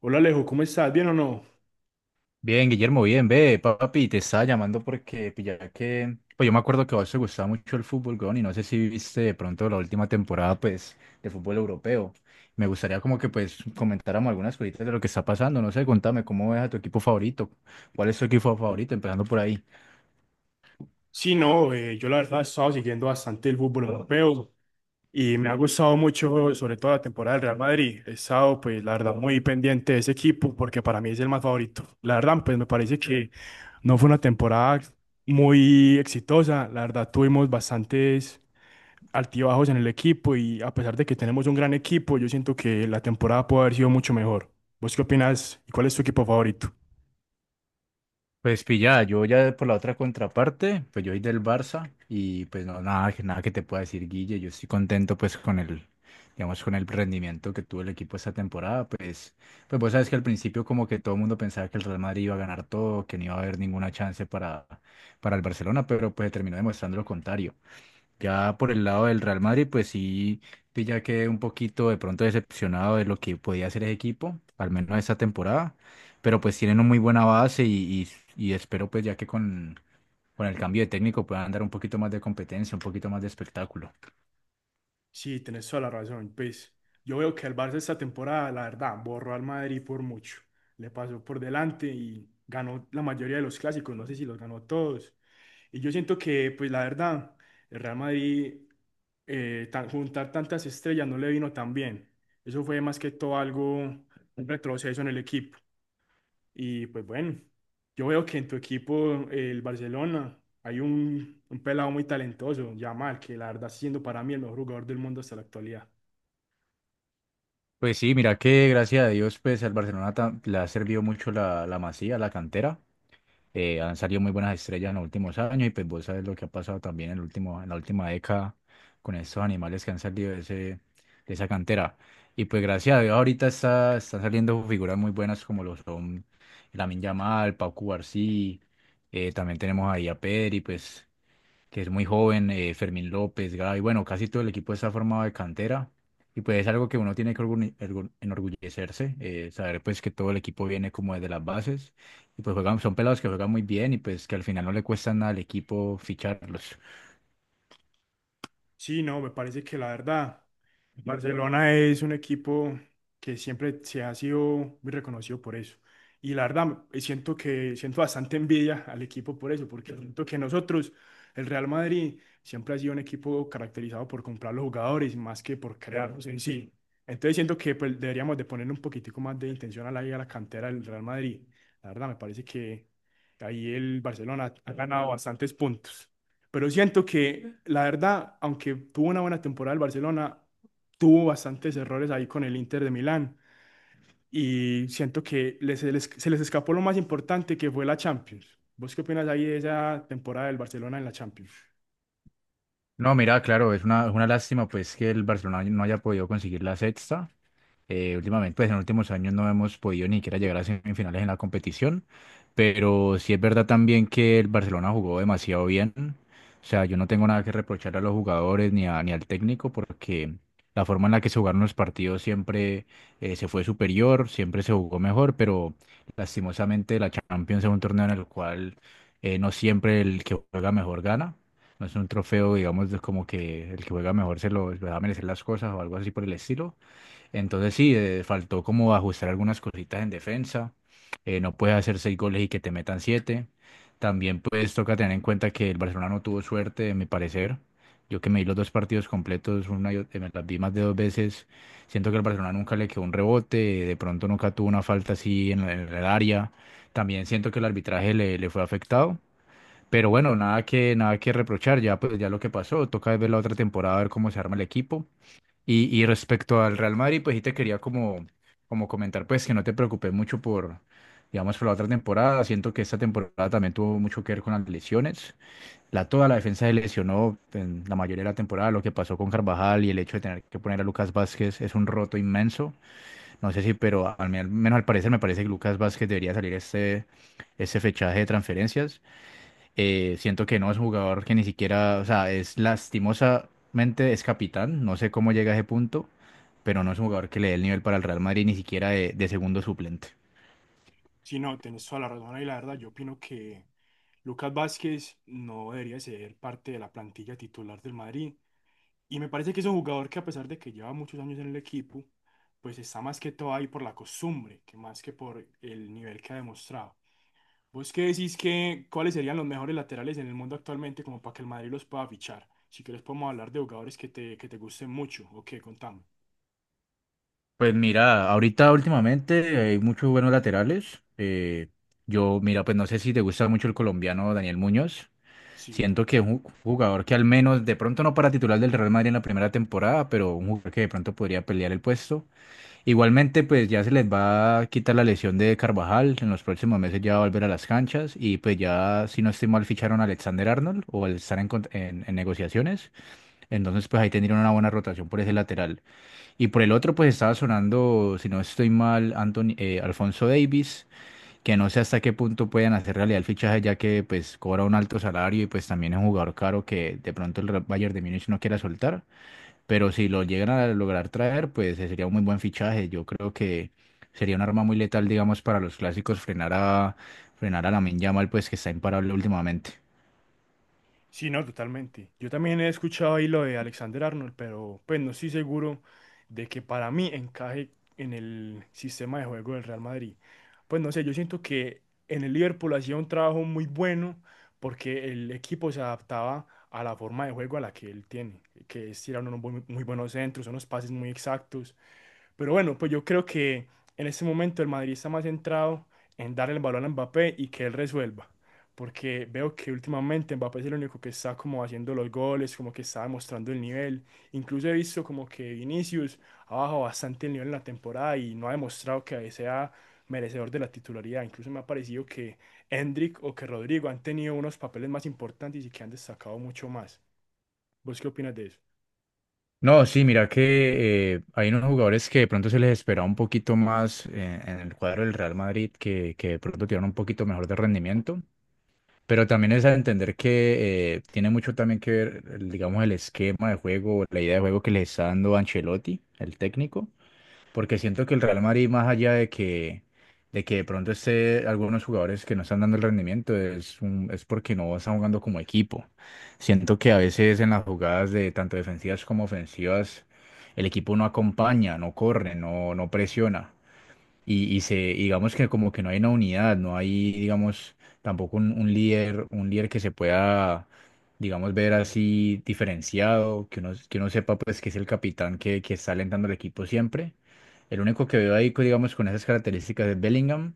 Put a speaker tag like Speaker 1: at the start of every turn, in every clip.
Speaker 1: Hola Alejo, ¿cómo estás? ¿Bien o no?
Speaker 2: Bien, Guillermo, bien, ve, papi, te estaba llamando porque pilla que, pues yo me acuerdo que a vos te gustaba mucho el fútbol, weón, y no sé si viste de pronto la última temporada, pues, de fútbol europeo. Me gustaría como que, pues, comentáramos algunas cositas de lo que está pasando, no sé, contame, ¿cómo es a tu equipo favorito? ¿Cuál es tu equipo favorito? Empezando por ahí.
Speaker 1: Sí, no, yo la verdad he estado siguiendo bastante el fútbol europeo y me ha gustado mucho, sobre todo la temporada del Real Madrid. He estado, pues, la verdad, muy pendiente de ese equipo porque para mí es el más favorito. La verdad, pues, me parece que no fue una temporada muy exitosa. La verdad, tuvimos bastantes altibajos en el equipo y a pesar de que tenemos un gran equipo, yo siento que la temporada puede haber sido mucho mejor. ¿Vos qué opinas y cuál es tu equipo favorito?
Speaker 2: Pues pillada, yo ya por la otra contraparte, pues yo soy del Barça y pues no, nada, nada que te pueda decir, Guille, yo estoy contento pues con el, digamos, con el rendimiento que tuvo el equipo esta temporada, pues, pues vos sabes que al principio como que todo el mundo pensaba que el Real Madrid iba a ganar todo, que no iba a haber ninguna chance para el Barcelona, pero pues terminó demostrando lo contrario. Ya por el lado del Real Madrid, pues sí, sí ya quedé un poquito de pronto decepcionado de lo que podía hacer ese equipo, al menos esta temporada, pero pues tienen una muy buena base y espero pues ya que con el cambio de técnico puedan dar un poquito más de competencia, un poquito más de espectáculo.
Speaker 1: Sí, tenés toda la razón. Pues yo veo que el Barça esta temporada, la verdad, borró al Madrid por mucho. Le pasó por delante y ganó la mayoría de los clásicos. No sé si los ganó todos. Y yo siento que, pues la verdad, el Real Madrid, juntar tantas estrellas no le vino tan bien. Eso fue más que todo algo, un retroceso en el equipo. Y pues bueno, yo veo que en tu equipo, el Barcelona, hay un pelado muy talentoso, Yamal, que la verdad siendo para mí el mejor jugador del mundo hasta la actualidad.
Speaker 2: Pues sí, mira que gracias a Dios pues al Barcelona le ha servido mucho la, la Masía, la cantera. Han salido muy buenas estrellas en los últimos años y pues vos sabes lo que ha pasado también en el último, en la última década con estos animales que han salido de, ese, de esa cantera. Y pues gracias a Dios ahorita está, están saliendo figuras muy buenas como lo son Lamine Yamal, Pau Cubarsí, también tenemos ahí a Pedri, pues que es muy joven, Fermín López, Gaby, bueno, casi todo el equipo está formado de cantera y pues es algo que uno tiene que enorgullecerse, saber pues que todo el equipo viene como desde las bases y pues juegan, son pelados que juegan muy bien y pues que al final no le cuesta nada al equipo ficharlos.
Speaker 1: Sí, no, me parece que la verdad, Barcelona es un equipo que siempre se ha sido muy reconocido por eso. Y la verdad, siento que siento bastante envidia al equipo por eso, porque siento que nosotros, el Real Madrid, siempre ha sido un equipo caracterizado por comprar los jugadores más que por crearlos en sí. Entonces siento que pues, deberíamos de poner un poquitico más de intención a a la cantera del Real Madrid. La verdad, me parece que ahí el Barcelona ha ganado bastantes puntos. Pero siento que, la verdad, aunque tuvo una buena temporada el Barcelona, tuvo bastantes errores ahí con el Inter de Milán. Y siento que se les escapó lo más importante que fue la Champions. ¿Vos qué opinas ahí de esa temporada del Barcelona en la Champions?
Speaker 2: No, mira, claro, es una lástima pues que el Barcelona no haya podido conseguir la sexta. Últimamente, pues en los últimos años no hemos podido ni siquiera llegar a semifinales en la competición, pero sí es verdad también que el Barcelona jugó demasiado bien. O sea, yo no tengo nada que reprochar a los jugadores ni ni al técnico porque la forma en la que se jugaron los partidos siempre se fue superior, siempre se jugó mejor, pero lastimosamente la Champions es un torneo en el cual no siempre el que juega mejor gana. No es un trofeo, digamos, de como que el que juega mejor se lo va a merecer las cosas o algo así por el estilo. Entonces sí, faltó como ajustar algunas cositas en defensa. No puedes hacer seis goles y que te metan siete. También pues toca tener en cuenta que el Barcelona no tuvo suerte, en mi parecer. Yo que me vi los dos partidos completos, me las vi más de dos veces. Siento que el Barcelona nunca le quedó un rebote, de pronto nunca tuvo una falta así en el área. También siento que el arbitraje le, le fue afectado. Pero bueno, nada que, nada que reprochar, ya, pues, ya lo que pasó, toca ver la otra temporada, a ver cómo se arma el equipo y respecto al Real Madrid, pues sí te quería como, como comentar, pues que no te preocupes mucho por, digamos, por la otra temporada. Siento que esta temporada también tuvo mucho que ver con las lesiones. La, toda la defensa se lesionó en la mayoría de la temporada. Lo que pasó con Carvajal y el hecho de tener que poner a Lucas Vázquez es un roto inmenso. No sé si, pero menos al parecer me parece que Lucas Vázquez debería salir este, este fechaje de transferencias. Siento que no es un jugador que ni siquiera, o sea, es lastimosamente es capitán, no sé cómo llega a ese punto, pero no es un jugador que le dé el nivel para el Real Madrid ni siquiera de segundo suplente.
Speaker 1: Sí, no, tenés toda la razón y la verdad, yo opino que Lucas Vázquez no debería ser parte de la plantilla titular del Madrid. Y me parece que es un jugador que a pesar de que lleva muchos años en el equipo, pues está más que todo ahí por la costumbre, que más que por el nivel que ha demostrado. ¿Vos qué decís que cuáles serían los mejores laterales en el mundo actualmente como para que el Madrid los pueda fichar? Si querés podemos hablar de jugadores que que te gusten mucho. Ok, contame.
Speaker 2: Pues mira, ahorita últimamente hay muchos buenos laterales. Yo, mira, pues no sé si te gusta mucho el colombiano Daniel Muñoz.
Speaker 1: Sí.
Speaker 2: Siento que es un jugador que al menos, de pronto no para titular del Real Madrid en la primera temporada, pero un jugador que de pronto podría pelear el puesto. Igualmente, pues ya se les va a quitar la lesión de Carvajal. En los próximos meses ya va a volver a las canchas. Y pues ya, si no estoy mal, ficharon a Alexander Arnold o al estar en negociaciones. Entonces, pues ahí tendrían una buena rotación por ese lateral. Y por el otro, pues estaba sonando, si no estoy mal, Anthony, Alfonso Davis, que no sé hasta qué punto pueden hacer realidad el fichaje, ya que pues cobra un alto salario y pues también es un jugador caro que de pronto el Bayern de Múnich no quiera soltar. Pero si lo llegan a lograr traer, pues sería un muy buen fichaje. Yo creo que sería un arma muy letal, digamos, para los clásicos frenar a frenar a Lamine Yamal, pues que está imparable últimamente.
Speaker 1: Sí, no, totalmente. Yo también he escuchado ahí lo de Alexander Arnold, pero pues no estoy seguro de que para mí encaje en el sistema de juego del Real Madrid. Pues no sé, yo siento que en el Liverpool hacía un trabajo muy bueno porque el equipo se adaptaba a la forma de juego a la que él tiene, que es tirar unos muy buenos centros, unos pases muy exactos. Pero bueno, pues yo creo que en este momento el Madrid está más centrado en dar el balón a Mbappé y que él resuelva porque veo que últimamente Mbappé es el único que está como haciendo los goles, como que está demostrando el nivel. Incluso he visto como que Vinicius ha bajado bastante el nivel en la temporada y no ha demostrado que sea merecedor de la titularidad. Incluso me ha parecido que Endrick o que Rodrigo han tenido unos papeles más importantes y que han destacado mucho más. ¿Vos qué opinas de eso?
Speaker 2: No, sí, mira que hay unos jugadores que de pronto se les esperaba un poquito más en el cuadro del Real Madrid, que de pronto tienen un poquito mejor de rendimiento, pero también es a entender que tiene mucho también que ver, digamos, el esquema de juego, la idea de juego que les está dando Ancelotti, el técnico. Porque siento que el Real Madrid, más allá de que, de que de pronto esté algunos jugadores que no están dando el rendimiento, es porque no están jugando como equipo. Siento que a veces en las jugadas de tanto defensivas como ofensivas, el equipo no acompaña, no corre, no, no presiona. Y digamos que como que no hay una unidad, no hay, digamos, tampoco un, un líder que se pueda, digamos, ver así diferenciado, que uno sepa pues que es el capitán que está alentando al equipo siempre. El único que veo ahí, digamos, con esas características es Bellingham,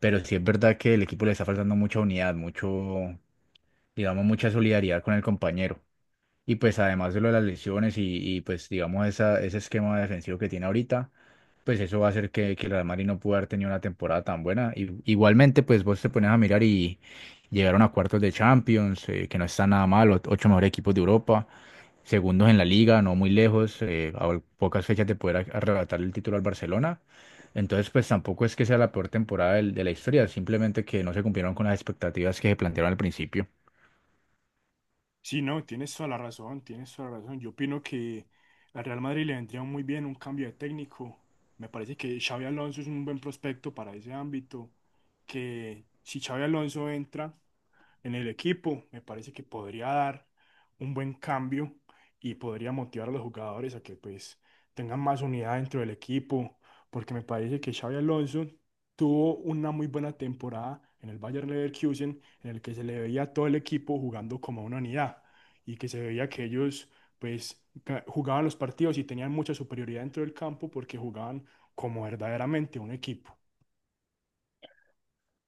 Speaker 2: pero sí es verdad que el equipo le está faltando mucha unidad, mucho, digamos, mucha solidaridad con el compañero. Y pues además de lo de las lesiones pues digamos esa, ese esquema defensivo que tiene ahorita, pues eso va a hacer que el Real Madrid no pueda haber tenido una temporada tan buena. Y, igualmente pues vos te pones a mirar y llegaron a cuartos de Champions, que no está nada mal, ocho mejores equipos de Europa, segundos en la liga, no muy lejos, a pocas fechas de poder arrebatar el título al Barcelona. Entonces pues tampoco es que sea la peor temporada de la historia, simplemente que no se cumplieron con las expectativas que se plantearon al principio.
Speaker 1: Sí, no, tienes toda la razón, tienes toda la razón. Yo opino que al Real Madrid le vendría muy bien un cambio de técnico. Me parece que Xavi Alonso es un buen prospecto para ese ámbito, que si Xavi Alonso entra en el equipo, me parece que podría dar un buen cambio y podría motivar a los jugadores a que pues tengan más unidad dentro del equipo, porque me parece que Xavi Alonso tuvo una muy buena temporada en el Bayern Leverkusen, en el que se le veía a todo el equipo jugando como una unidad y que se veía que ellos pues jugaban los partidos y tenían mucha superioridad dentro del campo porque jugaban como verdaderamente un equipo.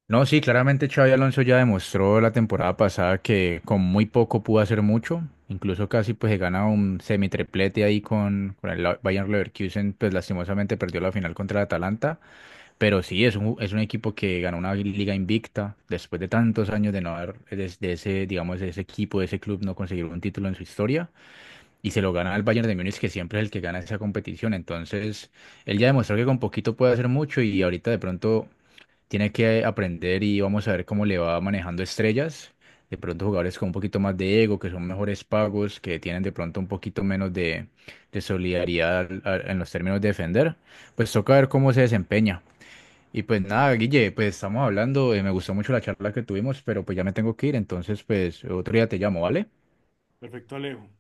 Speaker 2: No, sí, claramente Xavi Alonso ya demostró la temporada pasada que con muy poco pudo hacer mucho, incluso casi pues se gana un semitriplete ahí con el Bayern Leverkusen, pues lastimosamente perdió la final contra el Atalanta, pero sí, es un equipo que ganó una liga invicta después de tantos años de no haber, de ese, digamos, de ese equipo, de ese club no conseguir un título en su historia, y se lo gana al Bayern de Múnich, que siempre es el que gana esa competición, entonces él ya demostró que con poquito puede hacer mucho y ahorita de pronto tiene que aprender y vamos a ver cómo le va manejando estrellas. De pronto jugadores con un poquito más de ego, que son mejores pagos, que tienen de pronto un poquito menos de solidaridad en los términos de defender. Pues toca ver cómo se desempeña. Y pues nada, Guille, pues estamos hablando, me gustó mucho la charla que tuvimos, pero pues ya me tengo que ir, entonces pues otro día te llamo, ¿vale?
Speaker 1: Perfecto, Alejo.